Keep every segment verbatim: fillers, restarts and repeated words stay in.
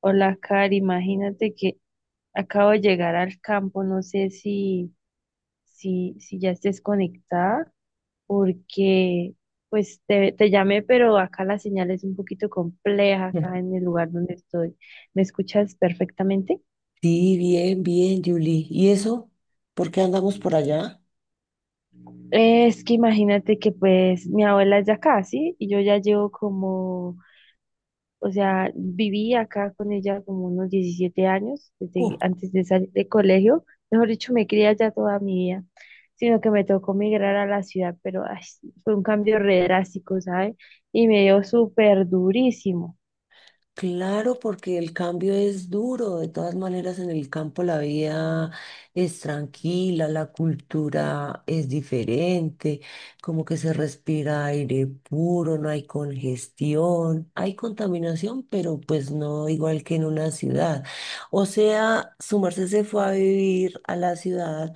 Hola, Cari, imagínate que acabo de llegar al campo, no sé si, si, si ya estés conectada, porque pues te, te llamé, pero acá la señal es un poquito compleja, acá en el lugar donde estoy. ¿Me escuchas perfectamente? Sí, bien, bien, Julie. ¿Y eso? ¿Por qué andamos por allá? Es que imagínate que pues mi abuela es de acá, ¿sí? Y yo ya llevo como O sea, viví acá con ella como unos diecisiete años, Uh, desde antes de salir de colegio. Mejor dicho, me crié allá toda mi vida, sino que me tocó migrar a la ciudad, pero ay, sí, fue un cambio re drástico, ¿sabes? Y me dio súper durísimo. claro, porque el cambio es duro. De todas maneras, en el campo la vida es tranquila, la cultura es diferente, como que se respira aire puro, no hay congestión, hay contaminación, pero pues no igual que en una ciudad. O sea, su merced se fue a vivir a la ciudad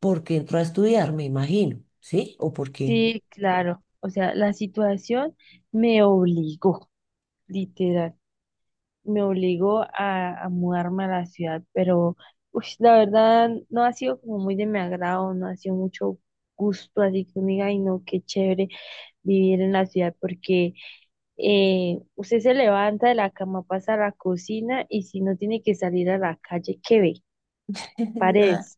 porque entró a estudiar, me imagino, ¿sí? ¿O por qué? Sí, claro. O sea, la situación me obligó, literal. Me obligó a, a mudarme a la ciudad, pero ush, la verdad no ha sido como muy de mi agrado, no ha sido mucho gusto, así que uno diga, ay no, qué chévere vivir en la ciudad, porque eh, usted se levanta de la cama, pasa a la cocina y si no tiene que salir a la calle, ¿qué ve? Nada. Paredes.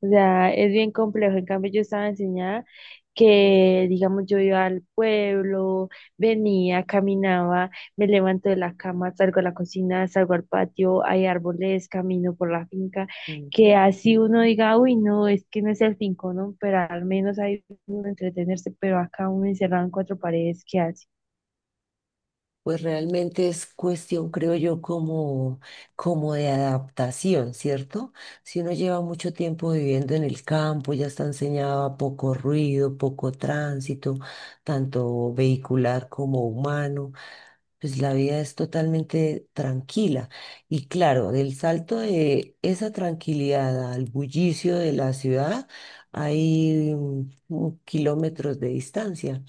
O sea, es bien complejo. En cambio, yo estaba enseñada que, digamos, yo iba al pueblo, venía, caminaba, me levanto de la cama, salgo a la cocina, salgo al patio, hay árboles, camino por la finca, que Ujú. así uno diga, uy, no, es que no es el finco, ¿no? Pero al menos hay uno entretenerse, pero acá uno encerrado en cuatro paredes, ¿qué hace? Pues realmente es cuestión, creo yo, como, como de adaptación, ¿cierto? Si uno lleva mucho tiempo viviendo en el campo, ya está enseñado a poco ruido, poco tránsito, tanto vehicular como humano, pues la vida es totalmente tranquila. Y claro, del salto de esa tranquilidad al bullicio de la ciudad, hay mm, kilómetros de distancia.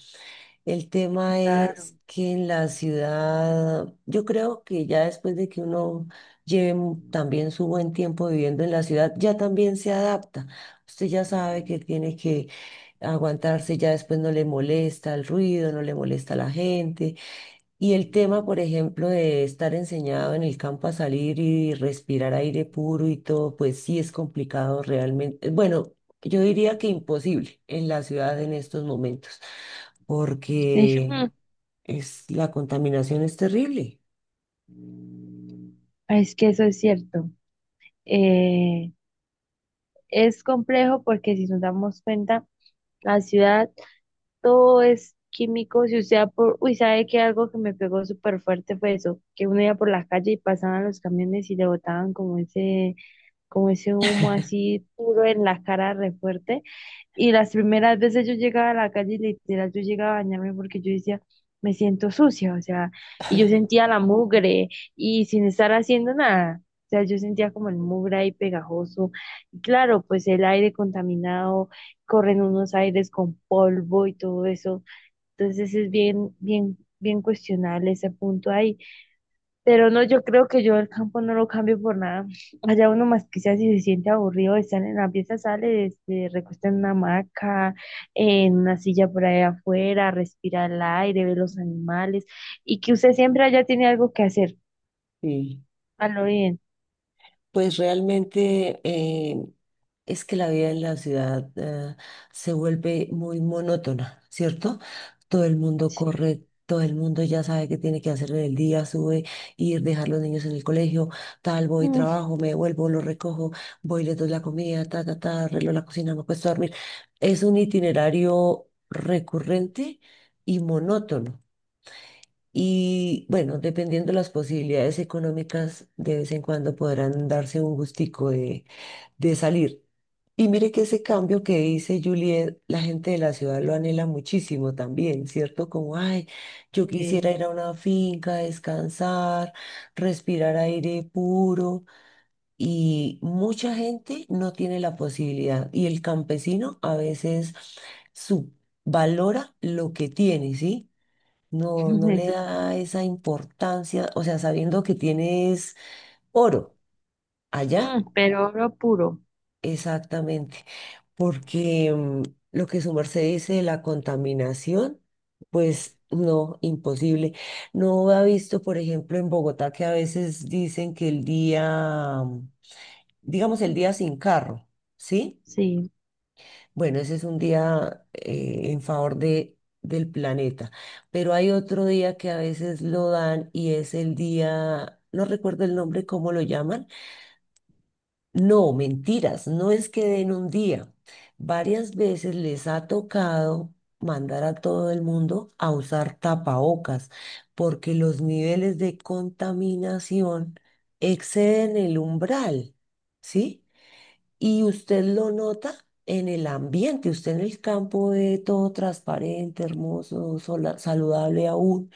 El tema es Claro. que en la ciudad, yo creo que ya después de que uno lleve mu- también su buen tiempo viviendo en la ciudad, ya también se adapta. Usted ya sabe que tiene que aguantarse, ya después no le molesta el ruido, no le molesta la gente, y el tema, por ejemplo, de estar enseñado en el campo a salir y respirar aire puro y todo, pues sí es complicado realmente. Bueno, yo diría que imposible en la ciudad en estos momentos, Sí. porque es, la contaminación es terrible. Es que eso es cierto. Eh, es complejo porque si nos damos cuenta, la ciudad todo es químico. Si usted va por, uy, sabe que algo que me pegó súper fuerte fue eso, que uno iba por la calle y pasaban los camiones y le botaban como ese como ese humo así puro en la cara re fuerte. Y las primeras veces yo llegaba a la calle y literal yo llegaba a bañarme porque yo decía, me siento sucia, o sea, y yo sentía la mugre y sin estar haciendo nada. O sea, yo sentía como el mugre ahí pegajoso. Y claro, pues el aire contaminado, corren unos aires con polvo y todo eso. Entonces es bien, bien, bien cuestionable ese punto ahí. Pero no, yo creo que yo el campo no lo cambio por nada. Allá uno más quizás si se siente aburrido de estar en la pieza, sale, se recuesta en una hamaca, en una silla por ahí afuera, respira el aire, ve los animales y que usted siempre allá tiene algo que hacer. Sí, A lo bien. pues realmente, eh, Es que la vida en la ciudad, eh, se vuelve muy monótona, ¿cierto? Todo el mundo Sí. corre, todo el mundo ya sabe qué tiene que hacer en el día, sube, ir, dejar los niños en el colegio, tal, voy, Mm. trabajo, me vuelvo, lo recojo, voy, le doy la comida, ta, ta, ta, arreglo la cocina, me acuesto a dormir. Es un itinerario recurrente y monótono. Y bueno, dependiendo de las posibilidades económicas, de vez en cuando podrán darse un gustico de salir. Y mire que ese cambio que dice Juliet, la gente de la ciudad lo anhela muchísimo también, ¿cierto? Como, ay, yo quisiera Sí. ir a una finca, descansar, respirar aire puro. Y mucha gente no tiene la posibilidad. Y el campesino a veces subvalora lo que tiene, ¿sí? No, no le Eso sí. Es da cierto. esa importancia, o sea, sabiendo que tienes oro. Allá Mm, pero oro puro. exactamente, porque mm, lo que su merced dice de la contaminación, pues no, imposible. No ha visto, por ejemplo, en Bogotá que a veces dicen que el día, mm, digamos, el día sin carro, ¿sí? Sí, Bueno, ese es un día eh, en favor de, del planeta, pero hay otro día que a veces lo dan y es el día, no recuerdo el nombre, ¿cómo lo llaman? No, mentiras, no es que den un día. Varias veces les ha tocado mandar a todo el mundo a usar tapabocas porque los niveles de contaminación exceden el umbral, ¿sí? Y usted lo nota en el ambiente, usted en el campo ve todo transparente, hermoso, sola- saludable aún,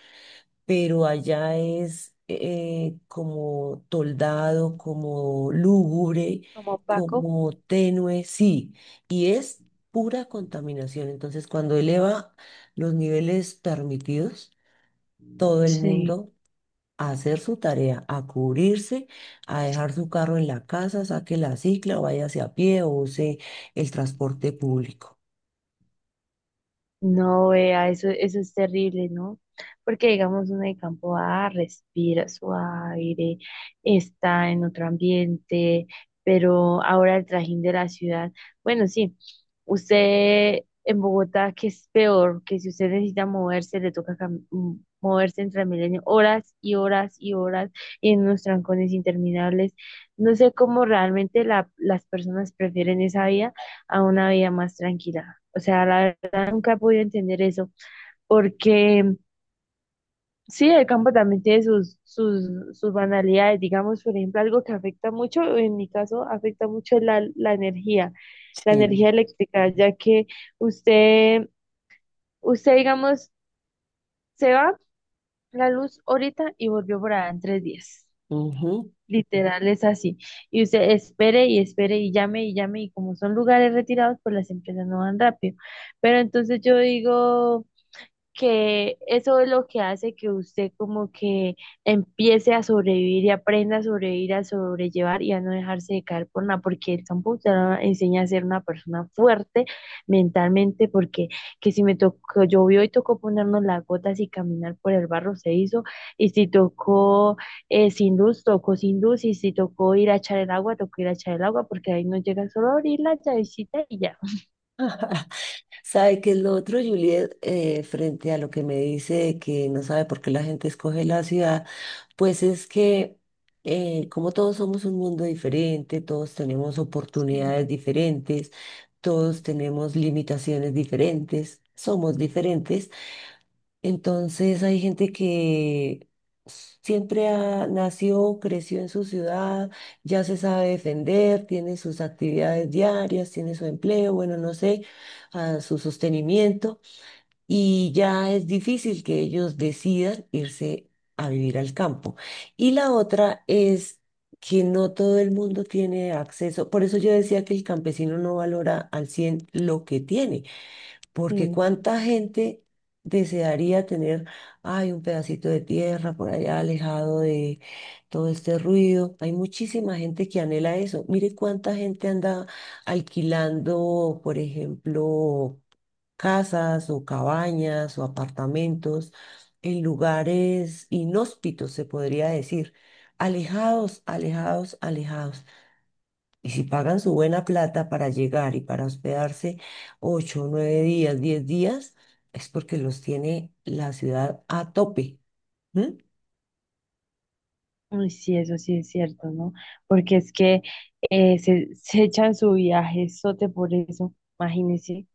pero allá es eh, como toldado, como lúgubre, como Paco. como tenue, sí, y es pura contaminación. Entonces, cuando eleva los niveles permitidos, todo el Sí. mundo a hacer su tarea, a cubrirse, a dejar su carro en la casa, saque la cicla, o váyase a pie o use el transporte público. No, vea, eso, eso es terrible, ¿no? Porque digamos, uno de campo A respira su aire, está en otro ambiente, pero ahora el trajín de la ciudad, bueno, sí, usted en Bogotá, que es peor, que si usted necesita moverse, le toca cam- mm, moverse en Transmilenio horas y horas y horas y en unos trancones interminables. No sé cómo realmente la- las personas prefieren esa vida a una vida más tranquila. O sea, la nunca he podido entender eso, porque sí, el campo también tiene sus, sus, sus, banalidades, digamos, por ejemplo, algo que afecta mucho, en mi caso, afecta mucho la, la energía, la Sí. energía eléctrica, ya que usted, usted, digamos, se va la luz ahorita y volvió por allá en tres días. Ujú. Literal es así. Y usted espere y espere y llame y llame y como son lugares retirados, pues las empresas no van rápido. Pero entonces yo digo... Que eso es lo que hace que usted como que empiece a sobrevivir y aprenda a sobrevivir, a sobrellevar y a no dejarse de caer por nada, porque el campo te lo enseña a ser una persona fuerte mentalmente, porque que si me tocó, llovió y tocó ponernos las gotas y caminar por el barro se hizo, y si tocó eh, sin luz, tocó sin luz, y si tocó ir a echar el agua, tocó ir a echar el agua, porque ahí no llega solo a abrir la llavecita y ya. ¿Sabe qué es lo otro, Juliet? Eh, frente a lo que me dice de que no sabe por qué la gente escoge la ciudad, pues es que, eh, como todos somos un mundo diferente, todos tenemos Sí. oportunidades diferentes, todos tenemos limitaciones diferentes, somos diferentes. Entonces hay gente que siempre ha- nació, creció en su ciudad, ya se sabe defender, tiene sus actividades diarias, tiene su empleo, bueno, no sé, ah, su sostenimiento, y ya es difícil que ellos decidan irse a vivir al campo. Y la otra es que no todo el mundo tiene acceso, por eso yo decía que el campesino no valora al cien lo que tiene, porque Sí. cuánta gente desearía tener, ay, un pedacito de tierra por allá alejado de todo este ruido. Hay muchísima gente que anhela eso. Mire cuánta gente anda alquilando, por ejemplo, casas o cabañas o apartamentos en lugares inhóspitos, se podría decir, alejados, alejados, alejados. Y si pagan su buena plata para llegar y para hospedarse ocho, nueve días, diez días, es porque los tiene la ciudad a tope. ¿M? Uy, sí, eso sí es cierto, ¿no? Porque es que eh, se, se echan su viaje sote por eso, imagínense.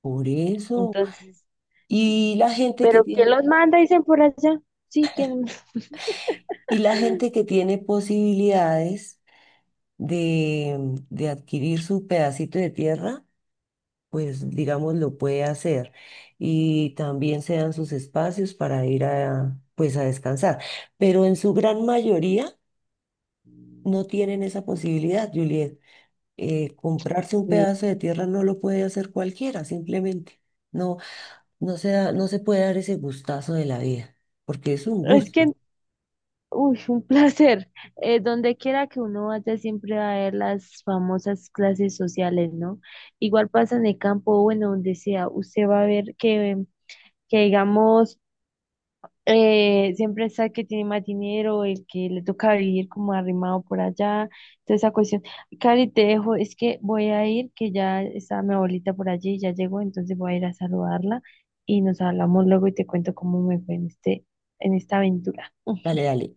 Por eso. Entonces, Y la gente que ¿pero quién tiene, los manda? Dicen por allá. Sí, ¿quién? y la gente que tiene posibilidades de, de, adquirir su pedacito de tierra, pues digamos lo puede hacer. Y también se dan sus espacios para ir a, pues a descansar. Pero en su gran mayoría no tienen esa posibilidad, Juliet. eh, comprarse un Sí, pedazo de tierra no lo puede hacer cualquiera, simplemente. No, no se da- no se puede dar ese gustazo de la vida, porque es un es gusto. que, uy, un placer. Eh, donde quiera que uno vaya, siempre va a ver las famosas clases sociales, ¿no? Igual pasa en el campo, bueno, donde sea, usted va a ver que, que digamos. eh, siempre está el que tiene más dinero, el que le toca vivir como arrimado por allá, toda esa cuestión. Cari, te dejo, es que voy a ir, que ya está mi abuelita por allí, ya llegó, entonces voy a ir a saludarla y nos hablamos luego y te cuento cómo me fue en este, en esta aventura. Dale, dale.